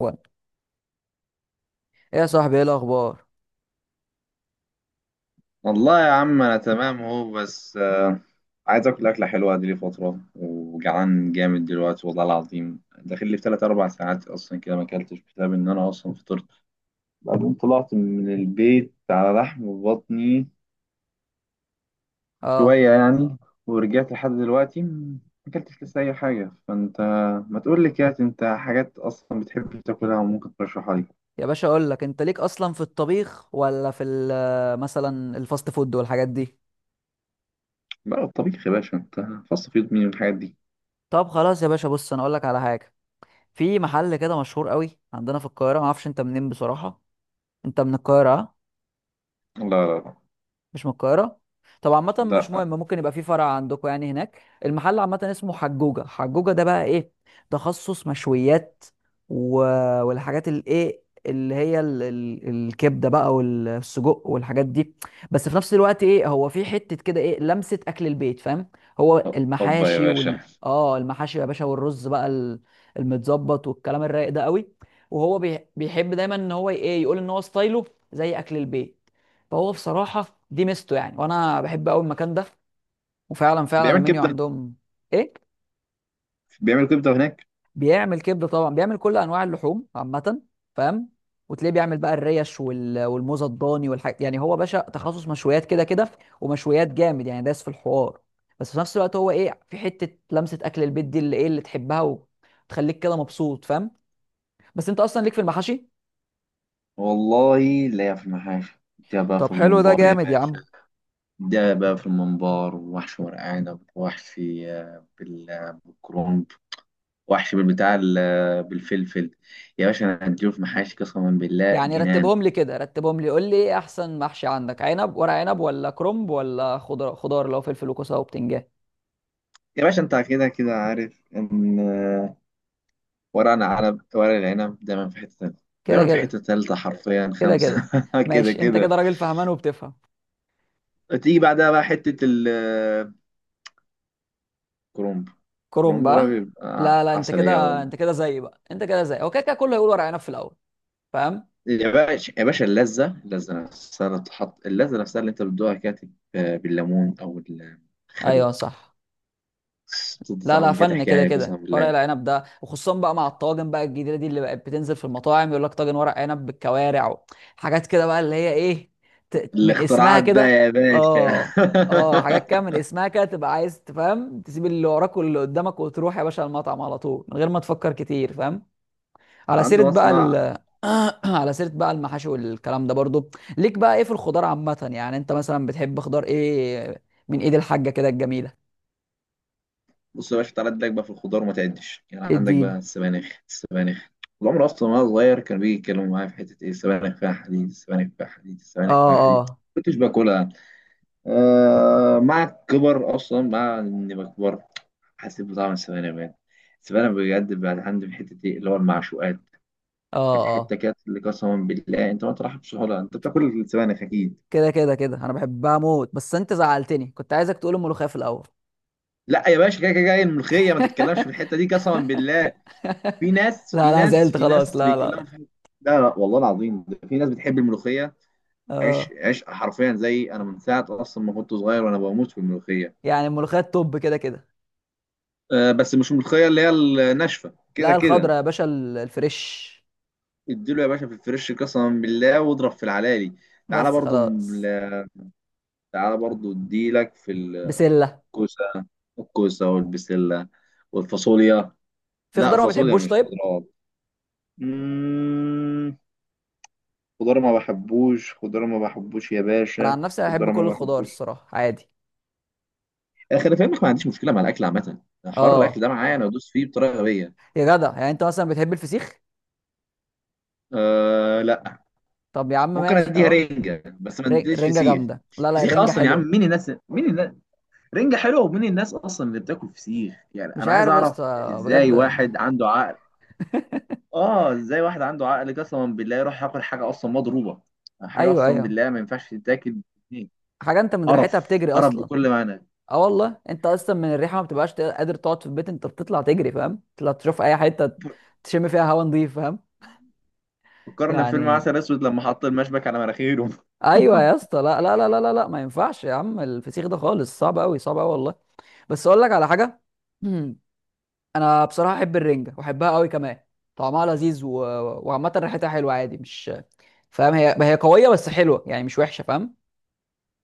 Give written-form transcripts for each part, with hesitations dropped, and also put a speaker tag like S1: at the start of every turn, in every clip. S1: وين؟ ايه يا صاحبي، ايه الاخبار؟
S2: والله يا عم انا تمام اهو بس عايز اكل اكله حلوه دي لي فتره، وجعان جامد دلوقتي والله العظيم. داخل لي في 3 4 ساعات اصلا كده ما اكلتش، بسبب ان انا اصلا فطرت بعدين طلعت من البيت على لحم بطني
S1: اه،
S2: شويه يعني، ورجعت لحد دلوقتي ما اكلتش لسه اي حاجه. فانت ما تقول لي كده انت حاجات اصلا بتحب تاكلها وممكن ترشحها لي؟
S1: يا باشا اقول لك، انت ليك اصلا في الطبيخ ولا في مثلا الفاست فود والحاجات دي؟
S2: بقى الطبيخ يا باشا؟ انت فصل في يد مين الحاجات دي.
S1: طب خلاص يا باشا، بص انا اقول لك على حاجه. في محل كده مشهور قوي عندنا في القاهره، ما اعرفش انت منين بصراحه. انت من القاهره آه؟
S2: لا، لا،
S1: مش من القاهرة. طب عامة مش
S2: لا،
S1: مهم، ممكن يبقى في فرع عندكم يعني هناك. المحل عامة اسمه حجوجة. حجوجة ده بقى ايه؟ تخصص مشويات و... والحاجات الايه اللي هي الكبدة بقى والسجق والحاجات دي، بس في نفس الوقت ايه، هو في حتة كده ايه، لمسة أكل البيت، فاهم؟ هو
S2: لا، هوبا يا
S1: المحاشي وال
S2: باشا.
S1: اه المحاشي يا باشا، والرز بقى المتظبط والكلام الرايق ده قوي. وهو بيحب دايما ان هو ايه، يقول ان هو ستايله زي أكل البيت. فهو بصراحة دي ميزته يعني، وانا بحب قوي المكان ده. وفعلا فعلا
S2: بيعمل
S1: المنيو
S2: كبده؟
S1: عندهم. ايه؟
S2: بيعمل كبده هناك؟
S1: بيعمل كبدة طبعا، بيعمل كل انواع اللحوم عامة، فاهم؟ وتلاقيه بيعمل بقى الريش والموز الضاني والحاجات. يعني هو باشا تخصص مشويات كده كده، ومشويات جامد يعني، داس في الحوار. بس في نفس الوقت هو ايه، في حتة لمسة اكل البيت دي اللي ايه، اللي تحبها وتخليك كده مبسوط، فاهم؟ بس انت اصلا ليك في المحاشي.
S2: والله لا، في المحاشي ده بقى في
S1: طب حلو ده
S2: الممبار يا
S1: جامد يا عم.
S2: باشا، ده بقى في الممبار. وحش ورق عنب وحشي آه، بالكرنب، وحشي بالبتاع بالفلفل. يا باشا انا هديله في محاشي قسما بالله
S1: يعني
S2: جنان.
S1: رتبهم لي كده، رتبهم لي قول لي ايه احسن محشي عندك؟ عنب ورق عنب ولا كرنب ولا خضار، خضار اللي هو فلفل وكوسه وبتنجان؟
S2: يا باشا انت كده كده عارف ان ورق العنب، ورق العنب دايما في حته تالته،
S1: كده
S2: دايما في
S1: كده.
S2: حته تالته حرفيا
S1: كده
S2: خمسه
S1: كده.
S2: كده
S1: ماشي، انت
S2: كده.
S1: كده راجل فهمان وبتفهم.
S2: تيجي بعدها بقى حته الكرنب.
S1: كرنب
S2: الكرنب بقى
S1: بقى.
S2: بيبقى
S1: لا انت
S2: عسليه
S1: كده،
S2: أوي.
S1: انت كده زي بقى، انت كده زي هو كده كده كله هيقول ورق عنب في الاول، فاهم؟
S2: يا باشا، يا باشا، اللذة، اللذة نفسها اللي تحط اللذة نفسها اللي انت بتدوقها كده تبقى بالليمون او الخل،
S1: ايوه صح.
S2: تدي
S1: لا
S2: طعم كده
S1: فن كده
S2: حكاية قسما
S1: كده ورق
S2: بالله.
S1: العنب ده، وخصوصا بقى مع الطواجن بقى الجديده دي اللي بقت بتنزل في المطاعم، يقول لك طاجن ورق عنب بالكوارع حاجات كده بقى اللي هي ايه، من اسمها
S2: الاختراعات بقى
S1: كده.
S2: يا باشا.
S1: اه اه حاجات كده من اسمها كده تبقى عايز تفهم، تسيب اللي وراك واللي قدامك وتروح يا باشا المطعم على طول من غير ما تفكر كتير، فاهم؟ على سيره
S2: عنده
S1: بقى
S2: مصنع.
S1: على سيره بقى المحاشي والكلام ده برضو، ليك بقى ايه في الخضار عامه؟ يعني انت مثلا بتحب خضار ايه من ايد الحاجه كده الجميله؟
S2: بص يا باشا، تعالى اديلك بقى في الخضار وما تعدش. يعني عندك بقى
S1: اديني.
S2: السبانخ، السبانخ العمر اصلا وانا صغير كانوا بيجي يتكلموا معايا في حتة ايه، السبانخ فيها حديد، السبانخ فيها حديد، السبانخ
S1: اه
S2: فيها حديد،
S1: اه
S2: كنتش باكلها. آه مع الكبر، اصلا مع اني بكبر حسيت بطعم السبانخ بجد. السبانخ بجد بعد عندي في حته ايه اللي هو المعشوقات،
S1: اه
S2: الحته كانت اللي قسما بالله انت ما تروحش بسهوله. انت بتاكل السبانخ اكيد.
S1: كده كده كده، انا بحبها موت، بس انت زعلتني، كنت عايزك تقول الملوخيه في الاول.
S2: لا يا باشا، كده كده جاي الملوخيه، ما تتكلمش في الحته دي قسما بالله. في ناس،
S1: لا
S2: في
S1: لا
S2: ناس،
S1: زعلت
S2: في
S1: خلاص،
S2: ناس
S1: لا لا
S2: بيتكلموا
S1: لا
S2: في الحتة- لا، لا والله العظيم، ده في ناس بتحب الملوخيه. عيش،
S1: اه.
S2: عيش حرفيا زي انا، من ساعه اصلا ما كنت صغير وانا بموت في الملوخيه.
S1: يعني الملوخيه التوب كده كده.
S2: آه بس مش الملوخيه اللي هي الناشفه كده
S1: لا الخضره
S2: كده.
S1: يا باشا، الفريش.
S2: اديله يا باشا في الفريش قسما بالله، واضرب في العلالي. تعالى
S1: بس
S2: برضو ال-
S1: خلاص.
S2: تعالى برضو اديلك في
S1: بسله.
S2: الكوسه. الكوسه والبسله والفاصوليا.
S1: في
S2: لا،
S1: خضار ما
S2: فاصوليا
S1: بتحبوش
S2: مش
S1: طيب؟
S2: خضروات. مم، خضار ما بحبوش، خضار ما بحبوش يا
S1: انا
S2: باشا،
S1: عن نفسي بحب
S2: خضار
S1: كل
S2: ما
S1: الخضار
S2: بحبوش
S1: الصراحه عادي.
S2: أنا. خلي في علمك، ما عنديش مشكله مع الاكل عامه. حر الاكل
S1: اه.
S2: ده معايا، انا ادوس فيه بطريقه غبيه.
S1: يا جدع، يعني انت مثلا بتحب الفسيخ؟
S2: أه لا،
S1: طب يا عم
S2: ممكن
S1: ماشي
S2: اديها
S1: اهو.
S2: رنجه بس ما اديش
S1: رنجه
S2: فسيخ.
S1: جامده، لا
S2: فسيخ
S1: الرنجه
S2: اصلا يا عم؟
S1: حلوه.
S2: مين الناس مين؟ رنجة حلوة، ومين الناس أصلا اللي بتاكل فسيخ؟ يعني
S1: مش
S2: أنا عايز
S1: عارف يا
S2: أعرف
S1: اسطى
S2: إزاي
S1: بجد.
S2: واحد عنده عقل. آه، إزاي واحد عنده عقل قسما بالله يروح ياكل حاجة أصلا مضروبة، حاجة
S1: ايوه
S2: أصلا
S1: ايوه.
S2: بالله ما ينفعش تتاكل. باتنين.
S1: حاجه انت من ريحتها
S2: قرف،
S1: بتجري
S2: قرف
S1: اصلا.
S2: بكل معنى.
S1: اه والله، انت اصلا من الريحه ما بتبقاش قادر تقعد في البيت، انت بتطلع تجري، فاهم؟ تطلع تشوف اي حته تشم فيها هوا نضيف، فاهم؟
S2: فكرنا في فيلم
S1: يعني
S2: عسل اسود لما حط المشبك على مناخيره.
S1: ايوه يا اسطى، لا ما ينفعش يا عم، الفسيخ ده خالص صعب قوي، صعب قوي والله. بس اقول لك على حاجه. انا بصراحه احب الرنجه واحبها قوي كمان، طعمها لذيذ وعامه ريحتها حلوه عادي، مش فاهم؟ هي هي قويه بس حلوه يعني، مش وحشه، فاهم؟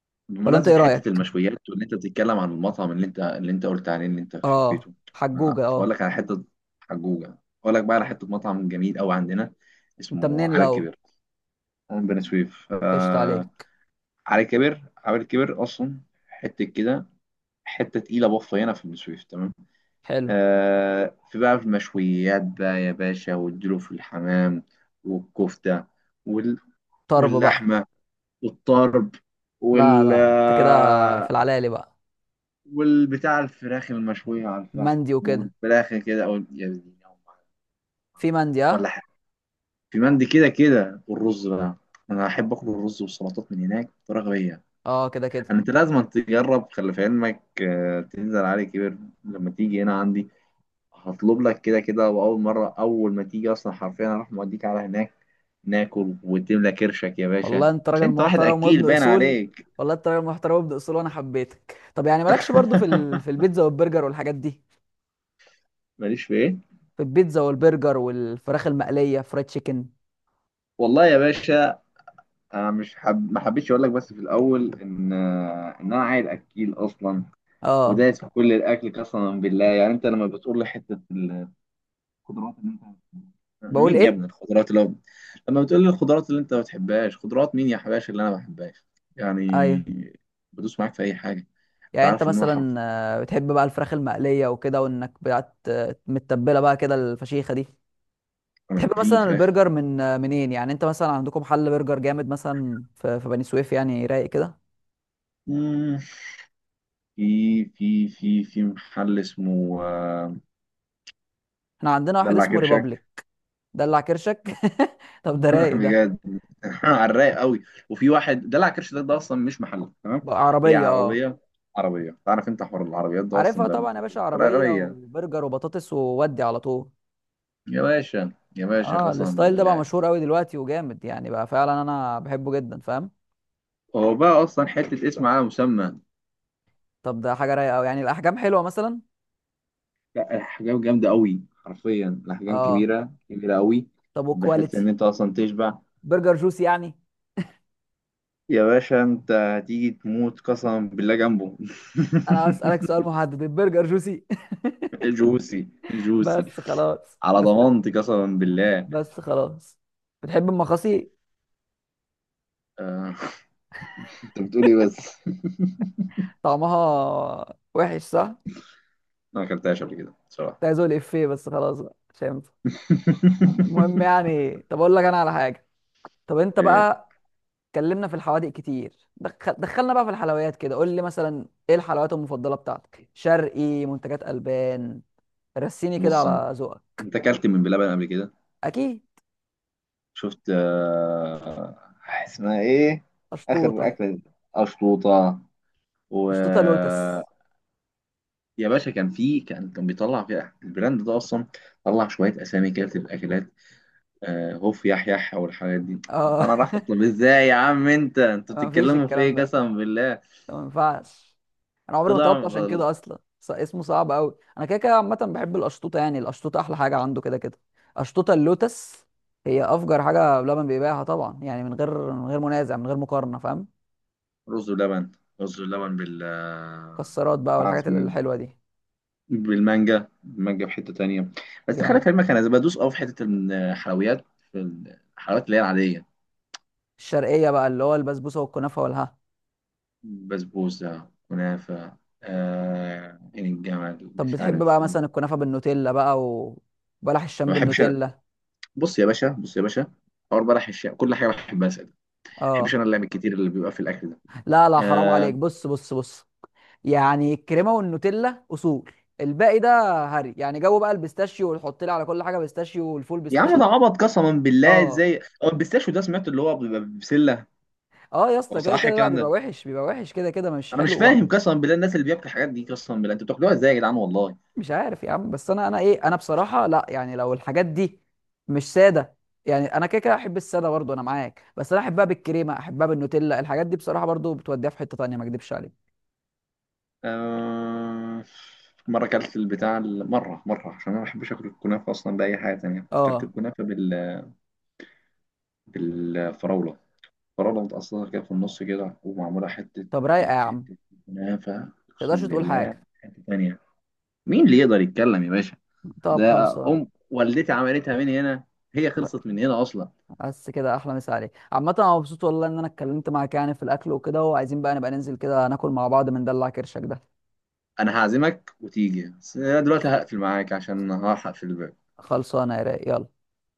S1: ولا انت ايه
S2: بمناسبه حته
S1: رايك؟
S2: المشويات، وان انت بتتكلم عن المطعم اللي انت، اللي انت قلت عليه اللي انت
S1: اه
S2: حبيته،
S1: حجوجه،
S2: فاقول
S1: اه.
S2: لك على حته، حجوجه اقول لك بقى على حته مطعم جميل قوي عندنا،
S1: انت
S2: اسمه
S1: منين
S2: على
S1: الاول؟
S2: الكبير. هون بني سويف
S1: قشطه عليك.
S2: على كبر، على كبر اصلا، حته كده، حته تقيله بفه هنا في السويف تمام.
S1: حلو.
S2: آه في بقى في المشويات بقى يا باشا، والدلو في الحمام، والكفته، وال...
S1: طرب بقى.
S2: واللحمه، والطرب،
S1: لا
S2: وال
S1: لا انت كده، في
S2: آه،
S1: العلالي بقى.
S2: والبتاع الفراخ المشويه على الفحم،
S1: مندي وكده.
S2: والفراخ كده او يا ديني يا أم.
S1: في مندي، اه.
S2: ولا حاجه. في مندي كده كده، والرز بقى، انا احب اكل الرز والسلطات من هناك بطريقه غبيه.
S1: اه كده كده.
S2: انت لازم تجرب، خلي في علمك تنزل علي كبير لما تيجي هنا عندي. هطلب لك كده كده، واول مره اول ما تيجي اصلا حرفيا هروح موديك على هناك، ناكل وتملى كرشك يا باشا،
S1: والله انت راجل
S2: عشان انت واحد
S1: محترم
S2: اكيل
S1: وابن
S2: باين
S1: اصول.
S2: عليك.
S1: والله انت راجل محترم وابن اصول، وانا حبيتك. طب يعني مالكش برضو في في البيتزا والبرجر والحاجات دي؟
S2: ماليش في ايه؟
S1: في البيتزا والبرجر والفراخ المقليه، فرايد تشيكن.
S2: والله يا باشا انا مش حب... ما حبيتش اقول لك بس في الاول ان ان انا عيل اكيل اصلا،
S1: اه.
S2: ودايس في كل الاكل قسما بالله. يعني انت لما بتقول لي حته خضروات اللي انت،
S1: بقول
S2: مين يا
S1: ايه؟
S2: ابني الخضروات اللي هو، لما بتقول لي الخضروات اللي انت ما بتحبهاش، خضروات مين يا حباشا اللي انا ما بحبهاش يعني؟
S1: ايوه.
S2: بدوس معاك في اي حاجه، انت
S1: يعني انت
S2: عارف ان انا
S1: مثلا
S2: حرف.
S1: آه، بتحب بقى الفراخ المقليه وكده، وانك بقى متبله بقى كده الفشيخه دي؟
S2: انا
S1: تحب
S2: في
S1: مثلا
S2: فراخ.
S1: البرجر من آه، منين؟ يعني انت مثلا عندكم حل برجر جامد مثلا في في بني سويف يعني رايق كده؟
S2: مم. في محل اسمه
S1: احنا عندنا واحد
S2: دلع
S1: اسمه
S2: كرشك.
S1: ريبابليك. دلع كرشك. طب ده رايق ده.
S2: بجد. على الرايق قوي. وفي واحد دلع كرش ده, ده اصلا مش محل تمام.
S1: بقى
S2: هي
S1: عربيه اه.
S2: عربيه، عربيه. تعرف انت حوار العربيات ده اصلا
S1: عارفها
S2: ده
S1: طبعا يا
S2: منتشر
S1: باشا،
S2: بطريقه
S1: عربيه
S2: غبيه.
S1: وبرجر وبطاطس وودي على طول.
S2: يا باشا، يا باشا
S1: اه
S2: قسما
S1: الستايل ده بقى
S2: بالله،
S1: مشهور قوي دلوقتي وجامد يعني، بقى فعلا انا بحبه جدا، فاهم؟
S2: هو بقى اصلا حته اسم على مسمى.
S1: طب ده حاجه رايقه قوي. يعني الاحجام حلوه مثلا؟
S2: لا، الاحجام جامده قوي، حرفيا الاحجام
S1: اه.
S2: كبيره، كبيره قوي،
S1: طب
S2: بحيث ان
S1: والكواليتي؟
S2: انت اصلا تشبع.
S1: برجر جوسي يعني؟
S2: يا باشا انت هتيجي تموت قسما بالله جنبه.
S1: انا هسالك سؤال محدد، البرجر جوسي؟
S2: جوسي، جوسي،
S1: بس خلاص
S2: على
S1: بس.
S2: ضمانتي قسما بالله.
S1: بس خلاص. بتحب المخاصي؟
S2: آه، انت بتقول ايه بس؟ أنا
S1: طعمها وحش صح؟ كنت
S2: ما اكلتهاش قبل كده بصراحه.
S1: عايز اقول افيه بس خلاص بقى مش هينفع. المهم يعني، طب اقول لك انا على حاجه. طب انت
S2: إيه،
S1: بقى، اتكلمنا في الحوادق كتير، دخلنا بقى في الحلويات كده. قول لي مثلا ايه الحلويات المفضله بتاعتك؟ شرقي، منتجات البان، رسيني كده
S2: بص انت،
S1: على ذوقك.
S2: أنت اكلت من بلبن قبل كده؟
S1: اكيد.
S2: شفت اسمها ايه اخر
S1: اشطوطه.
S2: اكله دي. اشطوطه و-
S1: اشطوطه لوتس.
S2: يا باشا كان في، كان بيطلع في البراند ده اصلا، طلع شويه اسامي كده بتبقى اكلات، هوف يح يح او الحاجات دي.
S1: اه.
S2: انا راح، طب ازاي يا عم، انت انتوا
S1: مفيش
S2: بتتكلموا في
S1: الكلام
S2: ايه
S1: ده،
S2: قسما بالله؟
S1: ما ينفعش، انا عمري ما طلبت،
S2: طلع.
S1: عشان كده اصلا اسمه صعب قوي. انا كده كده عامه بحب القشطوطه، يعني القشطوطه احلى حاجه عنده كده كده. قشطوطه اللوتس هي افجر حاجه بلبن بيبيعها طبعا يعني، من غير من غير منازع، من غير مقارنه، فاهم؟
S2: رز ولبن، رز ولبن بال-
S1: مكسرات بقى
S2: بتاع
S1: والحاجات
S2: اسمه إيه؟
S1: الحلوه دي.
S2: بالمانجا، المانجا في حته تانية. بس خلي
S1: جامد.
S2: في علمك انا بدوس اه في حته الحلويات، في الحلويات اللي هي العاديه،
S1: الشرقيه بقى اللي هو البسبوسه والكنافه والها.
S2: بسبوسة، كنافة، آه عين الجمل،
S1: طب
S2: مش
S1: بتحب بقى
S2: عارف.
S1: مثلا
S2: ما
S1: الكنافه بالنوتيلا بقى، وبلح الشام
S2: بحبش أنا.
S1: بالنوتيلا؟
S2: بص يا باشا، بص يا باشا، حوار بلح الشام كل حاجة بحبها، أسأل ما بحبش
S1: اه.
S2: أنا اللعب الكتير اللي بيبقى في الأكل ده.
S1: لا حرام
S2: آه،
S1: عليك، بص بص بص. يعني الكريمه والنوتيلا اصول، الباقي ده هري يعني، جو بقى البيستاشيو، وتحط لي على كل حاجه بيستاشيو، والفول
S2: يا عم ده
S1: بيستاشيو.
S2: عبط قسما بالله.
S1: اه.
S2: ازاي هو البيستاشيو ده سمعت اللي هو بيبقى بسلة.
S1: اه يا
S2: هو
S1: اسطى كده
S2: صح
S1: كده، لا
S2: الكلام
S1: بيبقى
S2: ده؟
S1: وحش، بيبقى وحش كده كده، مش
S2: أنا مش
S1: حلو
S2: فاهم قسما بالله، الناس اللي بياكلوا الحاجات دي قسما بالله أنتوا بتاكلوها ازاي يا جدعان والله.
S1: مش عارف يا عم. بس انا، انا ايه انا بصراحه لا، يعني لو الحاجات دي مش ساده، يعني انا كده كده احب الساده برضو، انا معاك، بس انا احبها بالكريمه، احبها بالنوتيلا، الحاجات دي بصراحه برضو بتوديها في حته تانيه، ما اكدبش عليك.
S2: آه، مرة أكلت البتاع ال- مرة مرة عشان أنا ما بحبش آكل الكنافة أصلا بأي حاجة تانية، أكلت
S1: اه.
S2: الكنافة بال- بالفراولة، فراولة متقصرة كده في النص كده ومعمولة حتة،
S1: طب رايقه يا
S2: كانت
S1: عم ما
S2: حتة كنافة
S1: تقدرش
S2: أقسم
S1: تقول
S2: بالله
S1: حاجه.
S2: حتة تانية. مين اللي يقدر يتكلم يا باشا؟
S1: طب
S2: ده
S1: خلصان.
S2: أم والدتي عملتها من هنا، هي خلصت من هنا أصلا.
S1: بس كده احلى. مسا عليك عامه، انا مبسوط والله ان انا اتكلمت معاك يعني في الاكل وكده، وعايزين بقى نبقى ننزل كده ناكل مع بعض من دلع كرشك ده.
S2: أنا هعزمك وتيجي، بس أنا دلوقتي هقفل معاك عشان هلحق في البيت.
S1: خلصانه يا رايق، يلا.